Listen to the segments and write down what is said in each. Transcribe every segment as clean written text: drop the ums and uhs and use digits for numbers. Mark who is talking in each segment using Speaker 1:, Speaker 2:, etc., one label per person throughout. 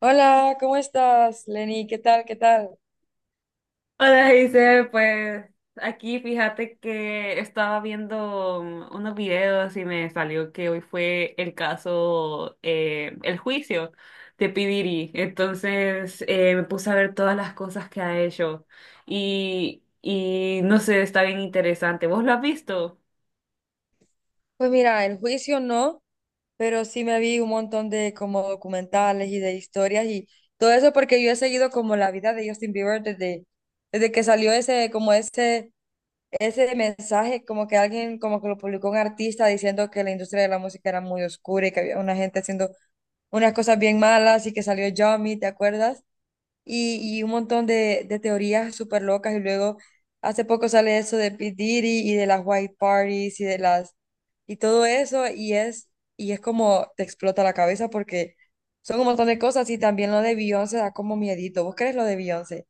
Speaker 1: Hola, ¿cómo estás, Lenny? ¿Qué tal? ¿Qué tal?
Speaker 2: Hola, dice, pues aquí fíjate que estaba viendo unos videos y me salió que hoy fue el caso, el juicio de P. Diddy. Entonces me puse a ver todas las cosas que ha hecho y no sé, está bien interesante. ¿Vos lo has visto?
Speaker 1: Pues mira, el juicio no, pero sí me vi un montón de como documentales y de historias y todo eso porque yo he seguido como la vida de Justin Bieber desde que salió ese mensaje, como que alguien como que lo publicó un artista diciendo que la industria de la música era muy oscura y que había una gente haciendo unas cosas bien malas y que salió Yummy, ¿te acuerdas? Y un montón de teorías súper locas. Y luego hace poco sale eso de P. Diddy y de las white parties y de las y todo eso. Y es como te explota la cabeza porque son un montón de cosas. Y también lo de Beyoncé da como miedito. ¿Vos crees lo de Beyoncé?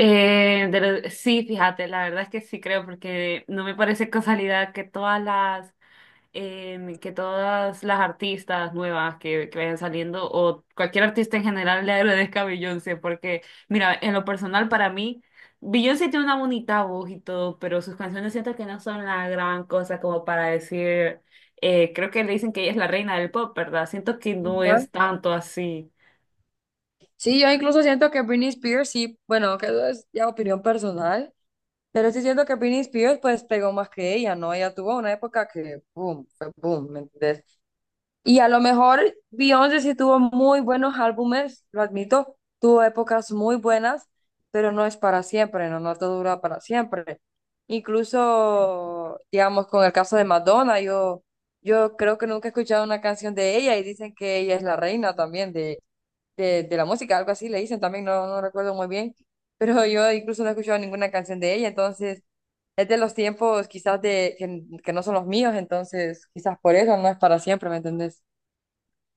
Speaker 2: Sí, fíjate, la verdad es que sí creo porque no me parece casualidad que todas las que todas las artistas nuevas que vayan saliendo o cualquier artista en general le agradezca a Beyoncé, porque mira, en lo personal para mí, Beyoncé tiene una bonita voz y todo, pero sus canciones siento que no son la gran cosa como para decir, creo que le dicen que ella es la reina del pop, ¿verdad? Siento que no
Speaker 1: Ujú.
Speaker 2: es tanto así.
Speaker 1: Sí, yo incluso siento que Britney Spears, sí, bueno, que eso es ya opinión personal, pero sí siento que Britney Spears pues pegó más que ella, ¿no? Ella tuvo una época que, boom, fue boom, ¿me entendés? Y a lo mejor Beyoncé sí tuvo muy buenos álbumes, lo admito, tuvo épocas muy buenas, pero no es para siempre, no, no todo dura para siempre. Incluso, digamos, con el caso de Madonna, yo creo que nunca he escuchado una canción de ella y dicen que ella es la reina también de la música, algo así le dicen también, no, no recuerdo muy bien, pero yo incluso no he escuchado ninguna canción de ella, entonces es de los tiempos quizás que no son los míos, entonces quizás por eso no es para siempre, ¿me entendés?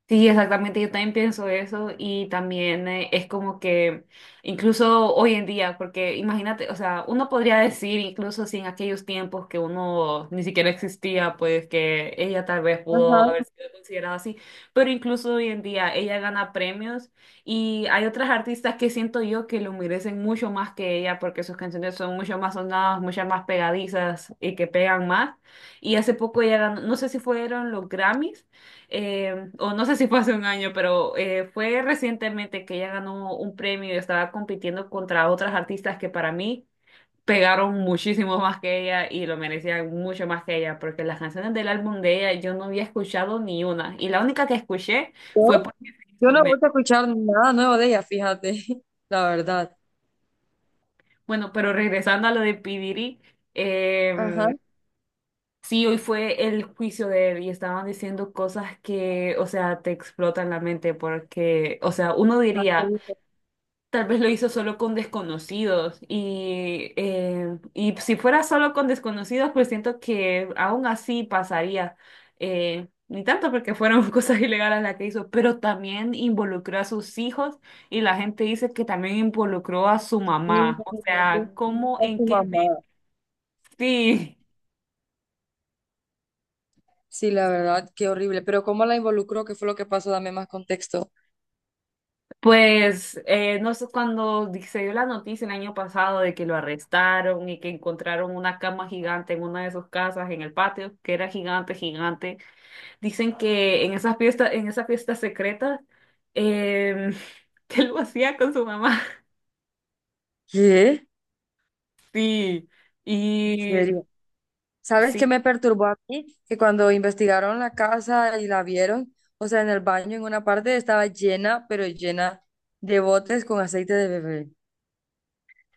Speaker 2: Sí, exactamente, yo también pienso eso y también es como que incluso hoy en día, porque imagínate, o sea, uno podría decir incluso si en aquellos tiempos que uno ni siquiera existía, pues que ella tal vez
Speaker 1: Ajá.
Speaker 2: pudo haber sido considerada así, pero incluso hoy en día ella gana premios y hay otras artistas que siento yo que lo merecen mucho más que ella porque sus canciones son mucho más sonadas, mucho más pegadizas y que pegan más. Y hace poco ella ganó, no sé si fueron los Grammys o no sé si fue hace un año, pero fue recientemente que ella ganó un premio y estaba compitiendo contra otras artistas que para mí pegaron muchísimo más que ella y lo merecían mucho más que ella, porque las canciones del álbum de ella yo no había escuchado ni una, y la única que escuché
Speaker 1: Yo,
Speaker 2: fue porque se
Speaker 1: yo
Speaker 2: hizo
Speaker 1: no
Speaker 2: meme.
Speaker 1: voy a escuchar nada nuevo de ella, fíjate, la verdad.
Speaker 2: Bueno, pero regresando a lo de Pidiri,
Speaker 1: Ajá.
Speaker 2: eh, sí, hoy fue el juicio de él y estaban diciendo cosas que, o sea, te explotan la mente porque, o sea, uno
Speaker 1: La que
Speaker 2: diría,
Speaker 1: dice,
Speaker 2: tal vez lo hizo solo con desconocidos y si fuera solo con desconocidos, pues siento que aún así pasaría. Ni tanto porque fueron cosas ilegales las que hizo, pero también involucró a sus hijos y la gente dice que también involucró a su
Speaker 1: sí,
Speaker 2: mamá. O
Speaker 1: imagínate,
Speaker 2: sea, ¿cómo,
Speaker 1: a
Speaker 2: en
Speaker 1: su
Speaker 2: qué me...
Speaker 1: mamá.
Speaker 2: Sí.
Speaker 1: Sí, la verdad, qué horrible. Pero ¿cómo la involucró? ¿Qué fue lo que pasó? Dame más contexto.
Speaker 2: Pues no sé, cuando se dio la noticia el año pasado de que lo arrestaron y que encontraron una cama gigante en una de sus casas en el patio, que era gigante, gigante, dicen que en esa fiesta secreta, em, que lo hacía con su mamá.
Speaker 1: ¿Qué?
Speaker 2: Sí,
Speaker 1: ¿En
Speaker 2: y
Speaker 1: serio? ¿Sabes qué
Speaker 2: sí.
Speaker 1: me perturbó a mí? Que cuando investigaron la casa y la vieron, o sea, en el baño, en una parte estaba llena, pero llena de botes con aceite de bebé.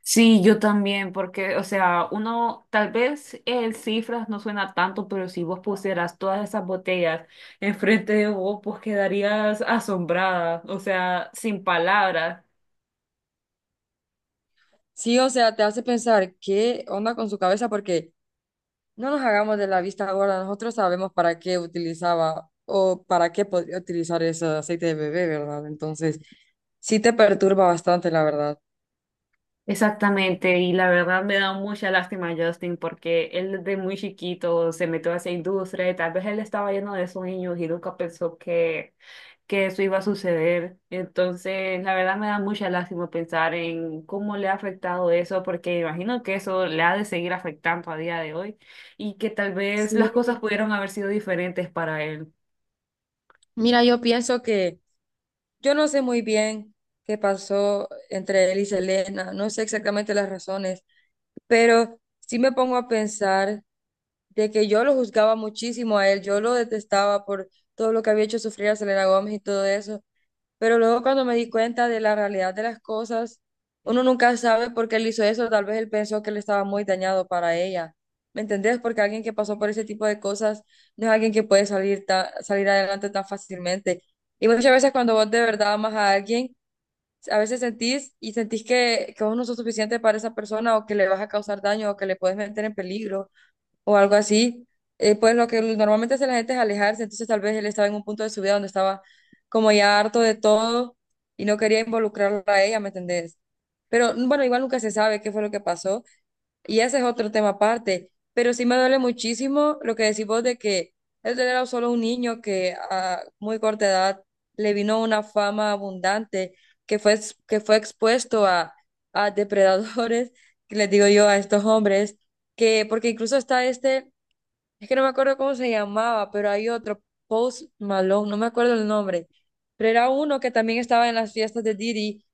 Speaker 2: Sí, yo también, porque, o sea, uno, tal vez el cifras no suena tanto, pero si vos pusieras todas esas botellas enfrente de vos, pues quedarías asombrada, o sea, sin palabras.
Speaker 1: Sí, o sea, te hace pensar qué onda con su cabeza, porque no nos hagamos de la vista gorda, nosotros sabemos para qué utilizaba o para qué podría utilizar ese aceite de bebé, ¿verdad? Entonces, sí te perturba bastante, la verdad.
Speaker 2: Exactamente, y la verdad me da mucha lástima a Justin porque él desde muy chiquito se metió a esa industria y tal vez él estaba lleno de sueños y nunca pensó que eso iba a suceder. Entonces, la verdad me da mucha lástima pensar en cómo le ha afectado eso porque imagino que eso le ha de seguir afectando a día de hoy y que tal vez
Speaker 1: Sí.
Speaker 2: las cosas pudieron haber sido diferentes para él.
Speaker 1: Mira, yo pienso que yo no sé muy bien qué pasó entre él y Selena, no sé exactamente las razones, pero sí me pongo a pensar de que yo lo juzgaba muchísimo a él, yo lo detestaba por todo lo que había hecho sufrir a Selena Gómez y todo eso. Pero luego cuando me di cuenta de la realidad de las cosas, uno nunca sabe por qué él hizo eso, tal vez él pensó que él estaba muy dañado para ella. ¿Me entendés? Porque alguien que pasó por ese tipo de cosas no es alguien que puede salir adelante tan fácilmente. Y muchas veces cuando vos de verdad amas a alguien, a veces sentís y sentís que vos no sos suficiente para esa persona o que le vas a causar daño o que le puedes meter en peligro o algo así, pues lo que normalmente hace la gente es alejarse, entonces tal vez él estaba en un punto de su vida donde estaba como ya harto de todo y no quería involucrarla a ella, ¿me entendés? Pero bueno, igual nunca se sabe qué fue lo que pasó y ese es otro tema aparte, pero sí me duele muchísimo lo que decís vos de que él era solo un niño que a muy corta edad le vino una fama abundante, que fue expuesto a depredadores, que les digo yo, a estos hombres que porque incluso está este es que no me acuerdo cómo se llamaba, pero hay otro, Post Malone, no me acuerdo el nombre. Pero era uno que también estaba en las fiestas de Diddy,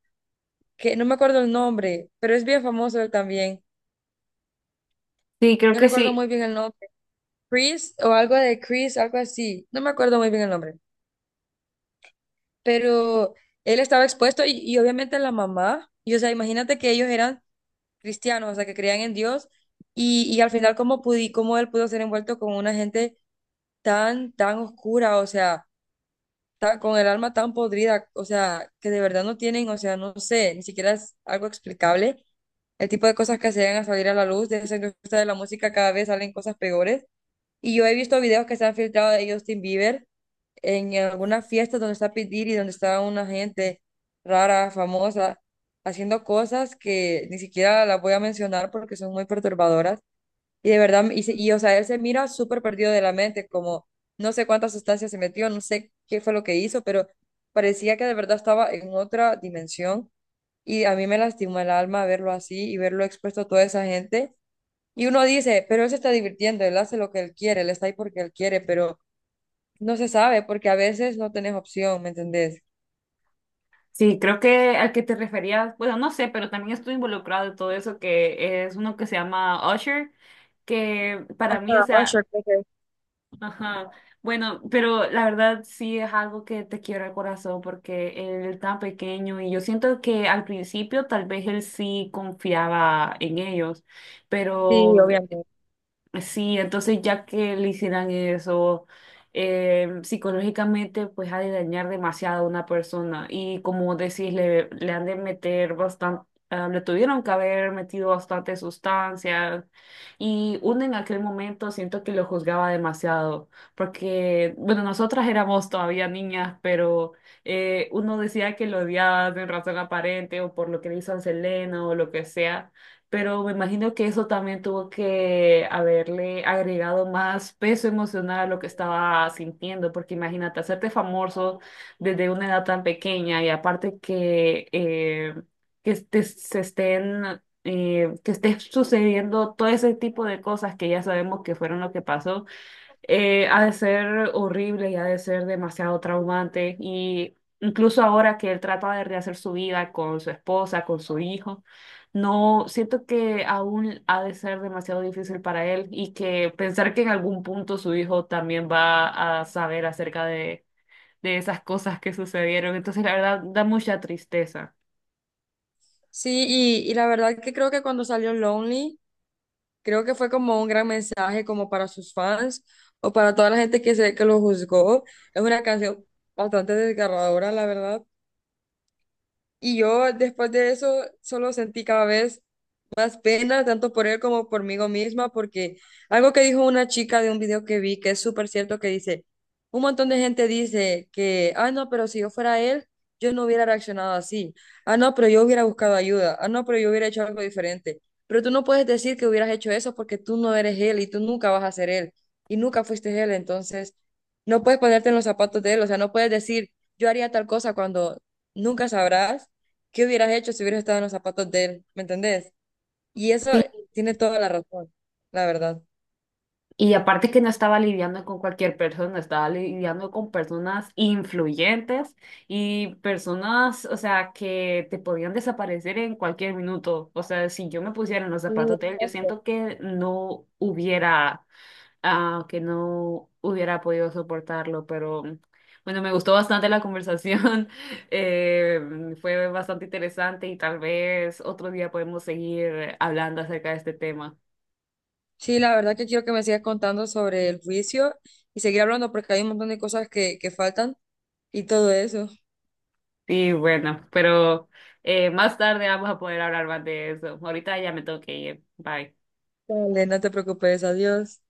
Speaker 1: que no me acuerdo el nombre, pero es bien famoso él también.
Speaker 2: Sí, creo
Speaker 1: No
Speaker 2: que
Speaker 1: recuerdo
Speaker 2: sí.
Speaker 1: muy bien el nombre. Chris o algo de Chris, algo así. No me acuerdo muy bien el nombre. Pero él estaba expuesto y obviamente la mamá. Y o sea, imagínate que ellos eran cristianos, o sea, que creían en Dios. Y al final, ¿ cómo él pudo ser envuelto con una gente tan oscura? O sea ta- con el alma tan podrida, o sea, que de verdad no tienen, o sea, no sé, ni siquiera es algo explicable. El tipo de cosas que se llegan a salir a la luz de esa industria de la música, cada vez salen cosas peores. Y yo he visto videos que se han filtrado de Justin Bieber en algunas fiestas donde está P. Diddy, donde está una gente rara, famosa, haciendo cosas que ni siquiera las voy a mencionar porque son muy perturbadoras y de verdad, o sea, él se mira súper perdido de la mente, como no sé cuántas sustancias se metió, no sé qué fue lo que hizo, pero parecía que de verdad estaba en otra dimensión. Y a mí me lastimó el alma verlo así y verlo expuesto a toda esa gente. Y uno dice, pero él se está divirtiendo, él hace lo que él quiere, él está ahí porque él quiere, pero no se sabe porque a veces no tenés opción, ¿me entendés?
Speaker 2: Sí, creo que al que te referías, bueno, no sé, pero también estoy involucrado en todo eso, que es uno que se llama Usher, que para mí, o
Speaker 1: Ah,
Speaker 2: sea,
Speaker 1: yo creo
Speaker 2: ajá, bueno, pero la verdad sí es algo que te quiebra el corazón porque él tan pequeño y yo siento que al principio tal vez él sí confiaba en ellos,
Speaker 1: sí,
Speaker 2: pero
Speaker 1: obviamente.
Speaker 2: sí, entonces ya que le hicieran eso, psicológicamente pues ha de dañar demasiado a una persona y como decís, le han de meter bastante, le tuvieron que haber metido bastante sustancias y uno en aquel momento siento que lo juzgaba demasiado porque, bueno, nosotras éramos todavía niñas, pero uno decía que lo odiaba de razón aparente o por lo que le hizo a Selena o lo que sea, pero me imagino que eso también tuvo que haberle agregado más peso emocional a lo que estaba sintiendo, porque imagínate, hacerte famoso desde una edad tan pequeña y aparte que, se estén... que esté sucediendo todo ese tipo de cosas que ya sabemos que fueron lo que pasó, ha de ser horrible y ha de ser demasiado traumante. Y incluso ahora que él trata de rehacer su vida con su esposa, con su hijo, no siento que aún ha de ser demasiado difícil para él y que pensar que en algún punto su hijo también va a saber acerca de esas cosas que sucedieron. Entonces, la verdad, da mucha tristeza.
Speaker 1: Sí, y la verdad que creo que cuando salió Lonely. Creo que fue como un gran mensaje como para sus fans o para toda la gente que se que lo juzgó. Es una canción bastante desgarradora, la verdad. Y yo después de eso solo sentí cada vez más pena tanto por él como por mí misma, porque algo que dijo una chica de un video que vi, que es súper cierto, que dice, un montón de gente dice que, ah, no, pero si yo fuera él, yo no hubiera reaccionado así, ah, no, pero yo hubiera buscado ayuda, ah, no, pero yo hubiera hecho algo diferente, pero tú no puedes decir que hubieras hecho eso porque tú no eres él y tú nunca vas a ser él y nunca fuiste él, entonces no puedes ponerte en los zapatos de él, o sea, no puedes decir, yo haría tal cosa cuando nunca sabrás. ¿Qué hubieras hecho si hubieras estado en los zapatos de él? ¿Me entendés? Y eso tiene toda la razón, la verdad.
Speaker 2: Y aparte que no estaba lidiando con cualquier persona, estaba lidiando con personas influyentes y personas, o sea, que te podían desaparecer en cualquier minuto. O sea, si yo me pusiera en los
Speaker 1: Sí,
Speaker 2: zapatos de él, yo
Speaker 1: exacto.
Speaker 2: siento que no hubiera, ah, que no hubiera podido soportarlo, pero bueno, me gustó bastante la conversación, fue bastante interesante y tal vez otro día podemos seguir hablando acerca de este tema.
Speaker 1: Sí, la verdad que quiero que me sigas contando sobre el juicio y seguir hablando porque hay un montón de cosas que faltan y todo eso.
Speaker 2: Sí, bueno, pero más tarde vamos a poder hablar más de eso. Ahorita ya me tengo que ir. Bye.
Speaker 1: Dale, no te preocupes, adiós.